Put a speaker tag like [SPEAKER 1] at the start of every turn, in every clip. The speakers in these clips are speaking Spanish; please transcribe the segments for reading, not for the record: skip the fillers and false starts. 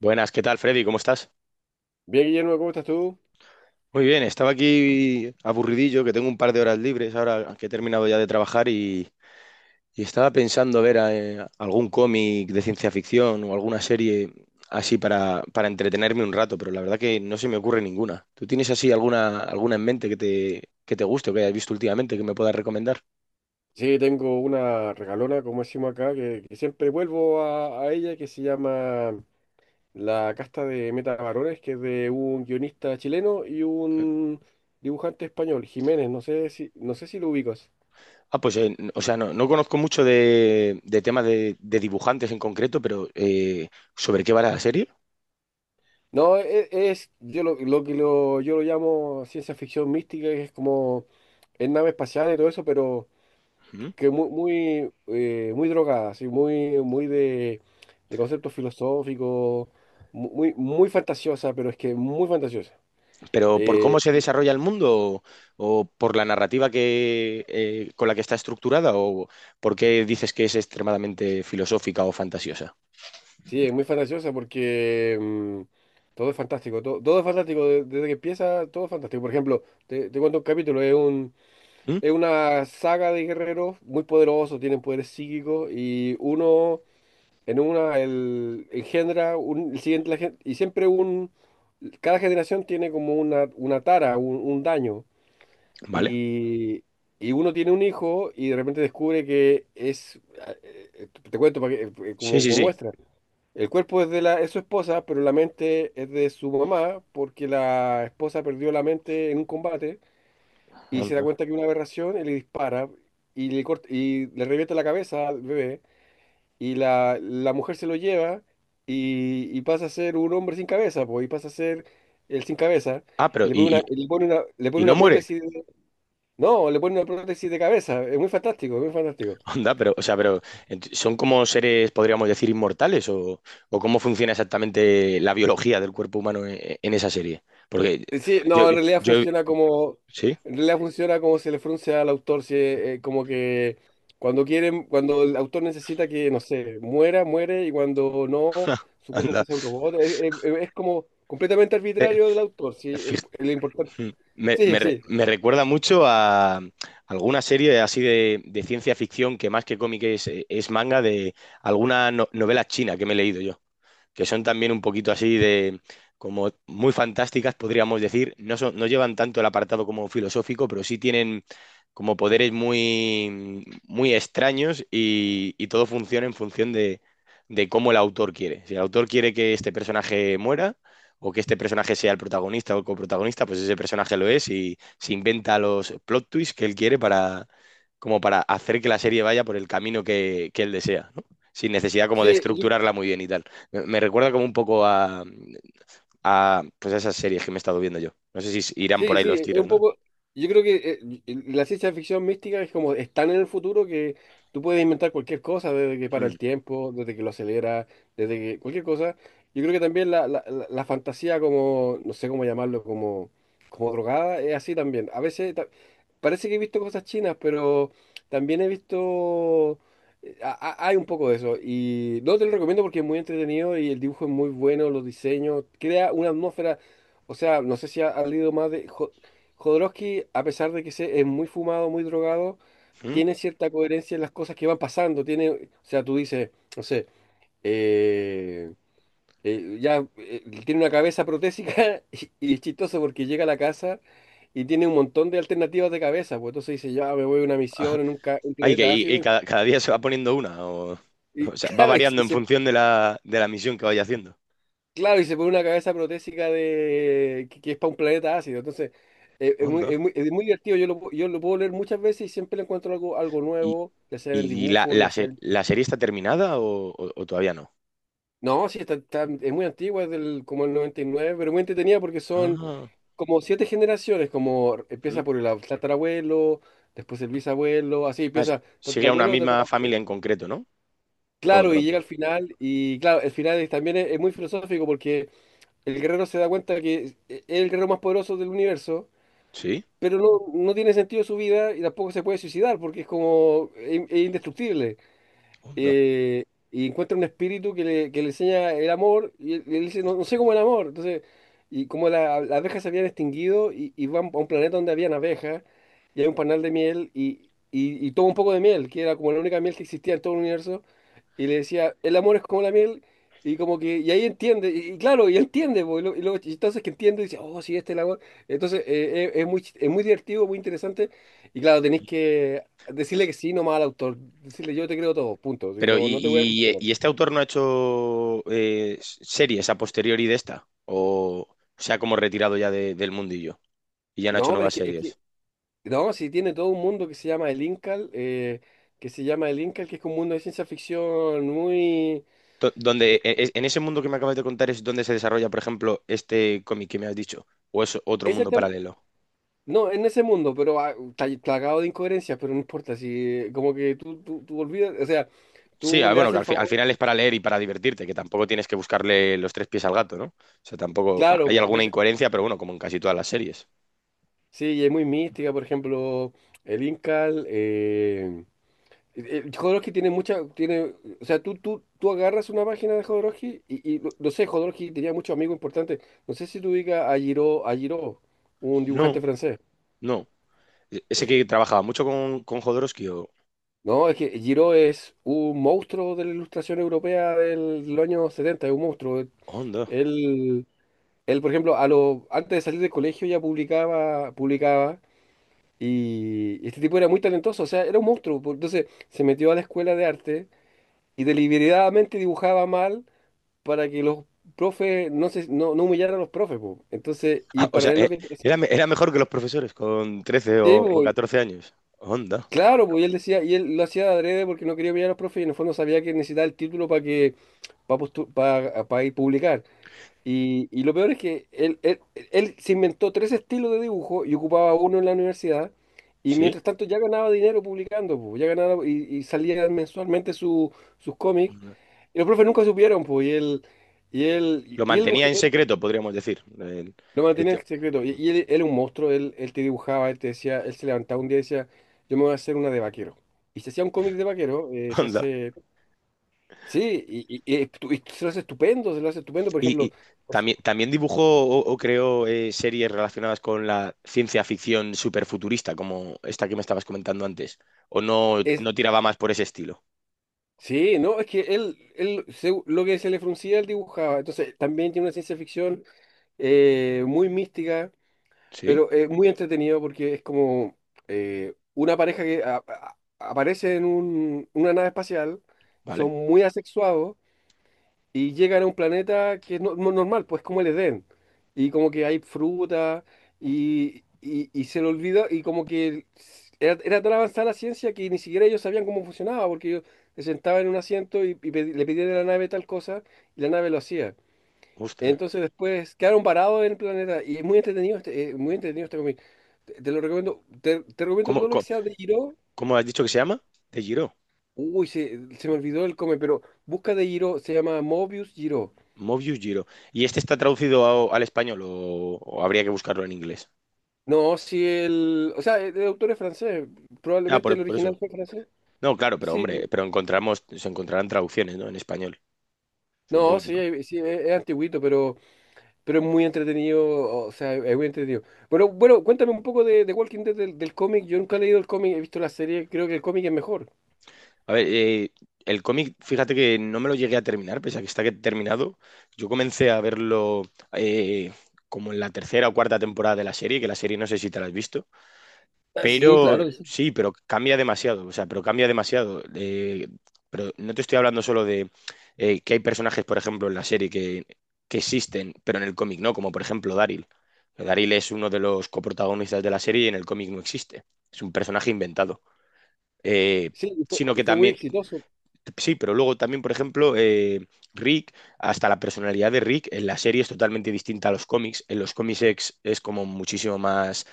[SPEAKER 1] Buenas, ¿qué tal, Freddy? ¿Cómo estás?
[SPEAKER 2] Bien, Guillermo, ¿cómo estás tú?
[SPEAKER 1] Muy bien, estaba aquí aburridillo, que tengo un par de horas libres ahora que he terminado ya de trabajar y estaba pensando ver algún cómic de ciencia ficción o alguna serie así para entretenerme un rato, pero la verdad que no se me ocurre ninguna. ¿Tú tienes así alguna en mente que te guste o que hayas visto últimamente que me puedas recomendar?
[SPEAKER 2] Sí, tengo una regalona, como decimos acá, que siempre vuelvo a ella, que se llama La Casta de Meta Varones, que es de un guionista chileno y un dibujante español, Jiménez. No sé si lo ubicas.
[SPEAKER 1] Ah, pues, o sea, no conozco mucho de temas de dibujantes en concreto, pero ¿sobre qué va la serie?
[SPEAKER 2] No, e- es, yo lo que lo, yo lo llamo ciencia ficción mística, que es como, es nave espacial y todo eso, pero que muy, muy, muy drogada, así, muy, muy de conceptos filosóficos, muy, muy fantasiosa, pero es que muy fantasiosa.
[SPEAKER 1] Pero por
[SPEAKER 2] Eh,
[SPEAKER 1] cómo se
[SPEAKER 2] y-
[SPEAKER 1] desarrolla el mundo o por la narrativa con la que está estructurada o por qué dices que es extremadamente filosófica o fantasiosa.
[SPEAKER 2] sí, es muy fantasiosa porque todo es fantástico, todo es fantástico, desde que empieza todo es fantástico. Por ejemplo, te cuento un capítulo,
[SPEAKER 1] ¿Mm?
[SPEAKER 2] es una saga de guerreros muy poderosos, tienen poderes psíquicos y uno. Engendra un, el siguiente, y siempre un, cada generación tiene como una tara, un daño,
[SPEAKER 1] ¿Vale?
[SPEAKER 2] y, y uno tiene un hijo y de repente descubre que es, te cuento para que, eh, eh,
[SPEAKER 1] Sí,
[SPEAKER 2] como,
[SPEAKER 1] sí,
[SPEAKER 2] como
[SPEAKER 1] sí.
[SPEAKER 2] muestra, el cuerpo es de la, es su esposa, pero la mente es de su mamá, porque la esposa perdió la mente en un combate y se da
[SPEAKER 1] Onda.
[SPEAKER 2] cuenta que es una aberración y le dispara y le corta, y le revienta la cabeza al bebé y la mujer se lo lleva y pasa a ser un hombre sin cabeza, pues, y pasa a ser el sin cabeza,
[SPEAKER 1] Ah, pero y, y-
[SPEAKER 2] le pone
[SPEAKER 1] y no
[SPEAKER 2] una
[SPEAKER 1] muere.
[SPEAKER 2] prótesis. No, le pone una prótesis de cabeza, es muy fantástico, es muy fantástico.
[SPEAKER 1] Onda, pero, o sea, son como seres, podríamos decir, inmortales o cómo funciona exactamente la biología del cuerpo humano en esa serie. Porque
[SPEAKER 2] Sí,
[SPEAKER 1] yo,
[SPEAKER 2] no,
[SPEAKER 1] yo, yo- sí,
[SPEAKER 2] en realidad funciona como, se le frunce al autor, si, como que cuando quieren, cuando el autor necesita que, no sé, muera, muere, y cuando no, su cuerpo
[SPEAKER 1] anda.
[SPEAKER 2] pasa a un robot, es, es como completamente
[SPEAKER 1] Eh,
[SPEAKER 2] arbitrario del autor, sí, el,
[SPEAKER 1] Fij-
[SPEAKER 2] el importante.
[SPEAKER 1] Me,
[SPEAKER 2] Sí,
[SPEAKER 1] me re-
[SPEAKER 2] sí,
[SPEAKER 1] me recuerda mucho a alguna serie así de ciencia ficción que más que cómic es manga de alguna novela china que me he leído yo que son también un poquito así como muy fantásticas, podríamos decir. No son, no llevan tanto el apartado como filosófico, pero sí tienen como poderes muy, muy extraños y todo funciona en función de cómo el autor quiere. Si el autor quiere que este personaje muera o que este personaje sea el protagonista o el coprotagonista, pues ese personaje lo es y se inventa los plot twists que él quiere como para hacer que la serie vaya por el camino que él desea, ¿no? Sin necesidad como de
[SPEAKER 2] sí,
[SPEAKER 1] estructurarla muy bien y tal. Me recuerda como un poco a, pues a esas series que me he estado viendo yo. No sé si irán por
[SPEAKER 2] sí,
[SPEAKER 1] ahí
[SPEAKER 2] sí,
[SPEAKER 1] los
[SPEAKER 2] es
[SPEAKER 1] tiros,
[SPEAKER 2] un
[SPEAKER 1] ¿no?
[SPEAKER 2] poco, yo creo que y la ciencia ficción mística es como, es tan en el futuro que tú puedes inventar cualquier cosa, desde que para
[SPEAKER 1] Mm,
[SPEAKER 2] el tiempo, desde que lo acelera, desde que cualquier cosa. Yo creo que también la fantasía como, no sé cómo llamarlo, como drogada, es así también. A veces parece que he visto cosas chinas, pero también he visto, eh, a- hay un poco de eso. Y no te lo recomiendo porque es muy entretenido y el dibujo es muy bueno, los diseños, crea una atmósfera. O sea, no sé si ha leído más de. Jodorowsky, a pesar de que es muy fumado, muy drogado,
[SPEAKER 1] mm.
[SPEAKER 2] tiene cierta coherencia en las cosas que van pasando. Tiene, o sea, tú dices, no sé, eh, ya, tiene una cabeza protésica y es chistoso porque llega a la casa y tiene un montón de alternativas de cabeza. Pues entonces dice, ya me voy a una misión en un
[SPEAKER 1] Ay, que
[SPEAKER 2] planeta
[SPEAKER 1] y
[SPEAKER 2] ácido.
[SPEAKER 1] cada día se va poniendo una, o,
[SPEAKER 2] Y
[SPEAKER 1] o sea, va
[SPEAKER 2] claro,
[SPEAKER 1] variando en función de la misión que vaya haciendo.
[SPEAKER 2] Y se pone una cabeza protésica de que es para un planeta ácido. Entonces, es muy,
[SPEAKER 1] Onda.
[SPEAKER 2] es muy, es muy divertido. Yo lo puedo leer muchas veces y siempre le encuentro algo,
[SPEAKER 1] ¿Y,
[SPEAKER 2] nuevo, ya sea en el
[SPEAKER 1] y la,
[SPEAKER 2] dibujo,
[SPEAKER 1] la,
[SPEAKER 2] ya sea
[SPEAKER 1] se-
[SPEAKER 2] en.
[SPEAKER 1] la serie está terminada o todavía no?
[SPEAKER 2] No, sí, es muy antigua, es del, como el 99, pero muy entretenida porque son
[SPEAKER 1] Ah,
[SPEAKER 2] como siete generaciones, como
[SPEAKER 1] mm.
[SPEAKER 2] empieza por el tatarabuelo, después el bisabuelo, así
[SPEAKER 1] Ah,
[SPEAKER 2] empieza
[SPEAKER 1] sigue a una
[SPEAKER 2] tatarabuelo,
[SPEAKER 1] misma
[SPEAKER 2] tatarabuelo.
[SPEAKER 1] familia en concreto, ¿no? Todo el
[SPEAKER 2] Claro, y llega
[SPEAKER 1] rato.
[SPEAKER 2] al final, y claro, el final también es muy filosófico porque el guerrero se da cuenta que es el guerrero más poderoso del universo,
[SPEAKER 1] Sí.
[SPEAKER 2] pero no, no tiene sentido su vida y tampoco se puede suicidar porque es como es indestructible,
[SPEAKER 1] Onda.
[SPEAKER 2] eh, y encuentra un espíritu que le enseña el amor, y él dice, no, no sé cómo el amor. Entonces, y como las abejas se habían extinguido, y van a un planeta donde habían abejas, y hay un panal de miel, y toma un poco de miel, que era como la única miel que existía en todo el universo, y le decía, el amor es como la miel, y como que, y ahí entiende, y claro, y entiende, po, y luego entonces que entiende, dice, oh, sí, este es el amor. Entonces, es muy, es muy divertido, muy interesante, y claro, tenéis que decirle que sí nomás al autor, decirle yo te creo todo, punto, si
[SPEAKER 1] Pero,
[SPEAKER 2] no,
[SPEAKER 1] ¿y,
[SPEAKER 2] no te voy a
[SPEAKER 1] y-
[SPEAKER 2] cuestionar.
[SPEAKER 1] y este autor no ha hecho series a posteriori de esta? ¿O se ha como retirado ya del mundillo y ya no ha hecho
[SPEAKER 2] No, pero es
[SPEAKER 1] nuevas
[SPEAKER 2] que, es que-
[SPEAKER 1] series?
[SPEAKER 2] no, si tiene todo un mundo que se llama el Incal, que se llama el Incal, que es como un mundo de ciencia ficción muy.
[SPEAKER 1] Do- Donde,
[SPEAKER 2] eh,
[SPEAKER 1] e- e- en ese mundo que me acabas de contar es donde se desarrolla, por ejemplo, este cómic que me has dicho, o es otro mundo
[SPEAKER 2] exactam-
[SPEAKER 1] paralelo.
[SPEAKER 2] no, en ese mundo, pero está plagado de incoherencias, pero no importa, si como que tú olvidas, o sea,
[SPEAKER 1] Sí,
[SPEAKER 2] tú
[SPEAKER 1] ah,
[SPEAKER 2] le
[SPEAKER 1] bueno,
[SPEAKER 2] haces
[SPEAKER 1] que
[SPEAKER 2] el
[SPEAKER 1] al, al
[SPEAKER 2] favor,
[SPEAKER 1] final es para leer y para divertirte, que tampoco tienes que buscarle los tres pies al gato, ¿no? O sea, tampoco
[SPEAKER 2] claro,
[SPEAKER 1] hay
[SPEAKER 2] pues,
[SPEAKER 1] alguna
[SPEAKER 2] entonces,
[SPEAKER 1] incoherencia, pero bueno, como en casi todas las series.
[SPEAKER 2] sí, y es muy mística, por ejemplo, el Incal. Jodorowsky tiene mucha, tiene, o sea, tú agarras una página de Jodorowsky y no, no sé, Jodorowsky tenía muchos amigos importantes. No sé si tú digas a Giraud, un
[SPEAKER 1] No,
[SPEAKER 2] dibujante francés.
[SPEAKER 1] no. Ese
[SPEAKER 2] Eh,
[SPEAKER 1] que trabajaba mucho con Jodorowsky o...
[SPEAKER 2] no, es que Giraud es un monstruo de la ilustración europea del año 70, es un monstruo.
[SPEAKER 1] Onda.
[SPEAKER 2] Él, él, por ejemplo, antes de salir del colegio ya publicaba, publicaba, y este tipo era muy talentoso, o sea, era un monstruo. Entonces se metió a la escuela de arte y deliberadamente dibujaba mal para que los profes no se no, no humillaran a los profes, po. Entonces, y
[SPEAKER 1] Ah,
[SPEAKER 2] en
[SPEAKER 1] o sea, eh,
[SPEAKER 2] paralelo que
[SPEAKER 1] era, me- era mejor que los profesores con 13 o,
[SPEAKER 2] sí,
[SPEAKER 1] o
[SPEAKER 2] po,
[SPEAKER 1] 14 años. Onda,
[SPEAKER 2] claro, pues él decía, y él lo hacía de adrede porque no quería humillar a los profes y en el fondo sabía que necesitaba el título para que, ir publicar. Y lo peor es que él se inventó tres estilos de dibujo y ocupaba uno en la universidad. Y
[SPEAKER 1] sí.
[SPEAKER 2] mientras tanto ya ganaba dinero publicando, po, ya ganaba y salía mensualmente sus cómics.
[SPEAKER 1] Onda.
[SPEAKER 2] Y los profes nunca supieron, pues, y él,
[SPEAKER 1] Lo
[SPEAKER 2] y él,
[SPEAKER 1] mantenía en secreto, podríamos decir.
[SPEAKER 2] Lo
[SPEAKER 1] El
[SPEAKER 2] mantenía
[SPEAKER 1] te-
[SPEAKER 2] en secreto. Y él, él un monstruo, él te dibujaba, él te decía, él se levantaba un día y decía, yo me voy a hacer una de vaquero. Y se hacía un cómic de vaquero. Se
[SPEAKER 1] Onda.
[SPEAKER 2] hace, sí, y se lo hace estupendo, se lo hace estupendo, por
[SPEAKER 1] Y,
[SPEAKER 2] ejemplo,
[SPEAKER 1] y
[SPEAKER 2] pues,
[SPEAKER 1] también dibujó o creó series relacionadas con la ciencia ficción superfuturista, como esta que me estabas comentando antes. ¿O no,
[SPEAKER 2] es,
[SPEAKER 1] no tiraba más por ese estilo?
[SPEAKER 2] sí, no, es que lo que se le fruncía, él dibujaba. Entonces, también tiene una ciencia ficción muy mística,
[SPEAKER 1] Sí,
[SPEAKER 2] pero muy entretenido porque es como una pareja que aparece en una nave espacial,
[SPEAKER 1] vale.
[SPEAKER 2] son muy asexuados y llegan a un planeta que es normal, pues como el Edén. Y como que hay fruta y se le olvida y como que era tan avanzada la ciencia que ni siquiera ellos sabían cómo funcionaba, porque yo se sentaba en un asiento y le pedían a la nave tal cosa y la nave lo hacía.
[SPEAKER 1] Ostras.
[SPEAKER 2] Entonces después quedaron parados en el planeta y es muy entretenido este cómic. Te lo recomiendo, te recomiendo
[SPEAKER 1] ¿Cómo,
[SPEAKER 2] todo lo que
[SPEAKER 1] cómo,
[SPEAKER 2] sea de Giro.
[SPEAKER 1] cómo has dicho que se llama? De Giro.
[SPEAKER 2] Uy, se me olvidó el cómic, pero busca de Giro, se llama Mobius Giro.
[SPEAKER 1] Mobius Giro. ¿Y este está traducido al español o habría que buscarlo en inglés?
[SPEAKER 2] No, si el. O sea, el autor es francés.
[SPEAKER 1] Ah,
[SPEAKER 2] Probablemente
[SPEAKER 1] por,
[SPEAKER 2] el
[SPEAKER 1] por eso.
[SPEAKER 2] original fue francés.
[SPEAKER 1] No, claro, pero hombre,
[SPEAKER 2] Sí.
[SPEAKER 1] se encontrarán traducciones, ¿no? En español,
[SPEAKER 2] No,
[SPEAKER 1] supongo,
[SPEAKER 2] sí,
[SPEAKER 1] ¿no?
[SPEAKER 2] sí, es antiguito, pero, es muy entretenido. O sea, es muy entretenido. Bueno, bueno, cuéntame un poco de Walking Dead del cómic. Yo nunca he leído el cómic, he visto la serie, creo que el cómic es mejor.
[SPEAKER 1] A ver, el cómic, fíjate que no me lo llegué a terminar, pese a que está terminado. Yo comencé a verlo eh, como en la tercera o cuarta temporada de la serie, que la serie no sé si te la has visto.
[SPEAKER 2] Ah, sí,
[SPEAKER 1] Pero
[SPEAKER 2] claro que sí.
[SPEAKER 1] sí, pero cambia demasiado, o sea, pero cambia demasiado. Pero no te estoy hablando solo de que hay personajes, por ejemplo, en la serie que existen, pero en el cómic no, como por ejemplo Daryl. Daryl es uno de los coprotagonistas de la serie y en el cómic no existe. Es un personaje inventado. Eh,
[SPEAKER 2] Sí, y fue,
[SPEAKER 1] Sino
[SPEAKER 2] y
[SPEAKER 1] que
[SPEAKER 2] fue muy
[SPEAKER 1] también,
[SPEAKER 2] exitoso.
[SPEAKER 1] sí, pero luego también, por ejemplo, Rick, hasta la personalidad de Rick en la serie es totalmente distinta a los cómics. En los cómics es como muchísimo más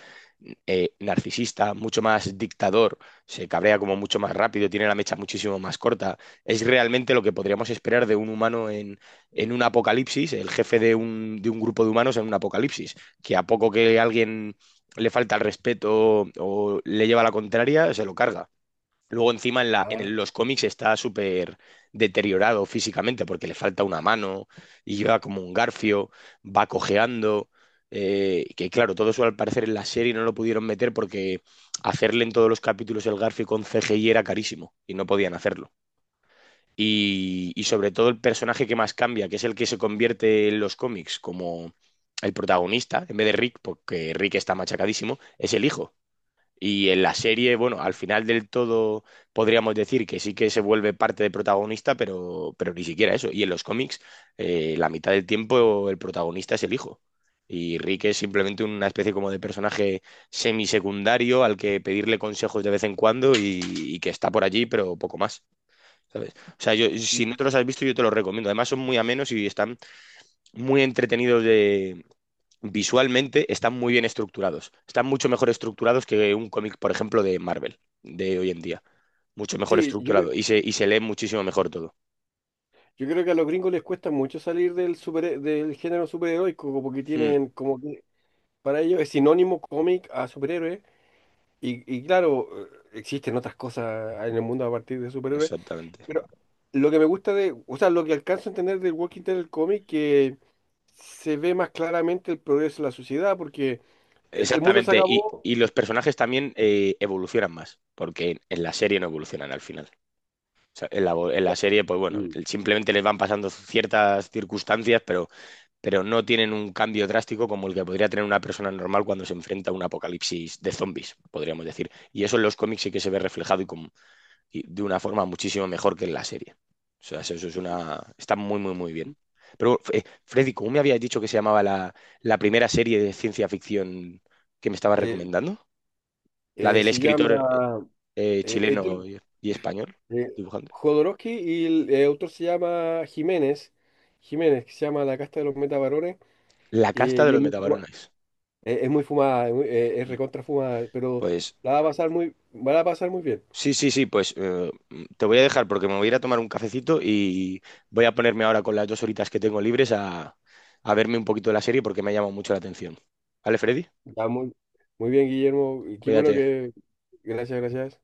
[SPEAKER 1] narcisista, mucho más dictador, se cabrea como mucho más rápido, tiene la mecha muchísimo más corta. Es realmente lo que podríamos esperar de un humano en un apocalipsis, el jefe de un grupo de humanos en un apocalipsis, que a poco que alguien le falta el respeto o le lleva la contraria, se lo carga. Luego encima
[SPEAKER 2] Ah.
[SPEAKER 1] en los cómics está súper deteriorado físicamente porque le falta una mano y lleva como un garfio, va cojeando. Que claro, todo eso al parecer en la serie no lo pudieron meter porque hacerle en todos los capítulos el garfio con CGI era carísimo y no podían hacerlo. Y sobre todo el personaje que más cambia, que es el que se convierte en los cómics como el protagonista, en vez de Rick, porque Rick está machacadísimo, es el hijo. Y en la serie, bueno, al final del todo podríamos decir que sí que se vuelve parte de protagonista, pero ni siquiera eso. Y en los cómics, la mitad del tiempo el protagonista es el hijo. Y Rick es simplemente una especie como de personaje semisecundario al que pedirle consejos de vez en cuando y que está por allí, pero poco más. ¿Sabes? O sea, yo, si no
[SPEAKER 2] Y-
[SPEAKER 1] te los has visto, yo te los recomiendo. Además, son muy amenos y están muy entretenidos. Visualmente están muy bien estructurados. Están mucho mejor estructurados que un cómic, por ejemplo, de Marvel, de hoy en día. Mucho mejor
[SPEAKER 2] Sí, yo creo,
[SPEAKER 1] estructurado y y se lee muchísimo mejor todo.
[SPEAKER 2] yo creo que a los gringos les cuesta mucho salir del super, del género superheroico,
[SPEAKER 1] Mm,
[SPEAKER 2] como que para ellos es sinónimo cómic a superhéroe. Y claro, existen otras cosas en el mundo a partir de superhéroes,
[SPEAKER 1] exactamente.
[SPEAKER 2] pero lo que me gusta o sea, lo que alcanzo a entender del Walking Dead del cómic, que se ve más claramente el progreso de la sociedad, porque el mundo se
[SPEAKER 1] Exactamente. Y,
[SPEAKER 2] acabó.
[SPEAKER 1] y los personajes también evolucionan más, porque en la serie no evolucionan al final. O sea, en la serie, pues bueno,
[SPEAKER 2] Mm.
[SPEAKER 1] simplemente les van pasando ciertas circunstancias, pero no tienen un cambio drástico como el que podría tener una persona normal cuando se enfrenta a un apocalipsis de zombies, podríamos decir. Y eso en los cómics sí que se ve reflejado y de una forma muchísimo mejor que en la serie. O sea, eso es una. Está muy, muy, muy bien. Pero, Freddy, ¿cómo me habías dicho que se llamaba la primera serie de ciencia ficción que me estabas
[SPEAKER 2] eh,
[SPEAKER 1] recomendando? La
[SPEAKER 2] eh,
[SPEAKER 1] del
[SPEAKER 2] se llama
[SPEAKER 1] escritor
[SPEAKER 2] eh,
[SPEAKER 1] chileno
[SPEAKER 2] Etel-
[SPEAKER 1] y español,
[SPEAKER 2] eh,
[SPEAKER 1] dibujante.
[SPEAKER 2] Jodorowsky y el autor se llama Jiménez, que se llama La Casta de los Metabarones,
[SPEAKER 1] La casta de
[SPEAKER 2] y es
[SPEAKER 1] los
[SPEAKER 2] muy, fuma-
[SPEAKER 1] metabarones.
[SPEAKER 2] eh, es muy fumada, es
[SPEAKER 1] Mm.
[SPEAKER 2] recontra fumada, pero
[SPEAKER 1] Pues
[SPEAKER 2] la va a pasar muy, van a pasar muy bien.
[SPEAKER 1] sí, sí, sí, pues te voy a dejar porque me voy a ir a tomar un cafecito y voy a ponerme ahora con las 2 horitas que tengo libres a verme un poquito de la serie porque me ha llamado mucho la atención. ¿Vale, Freddy?
[SPEAKER 2] Ya, muy, muy bien, Guillermo. Y qué bueno
[SPEAKER 1] Cuídate.
[SPEAKER 2] que. Gracias, gracias.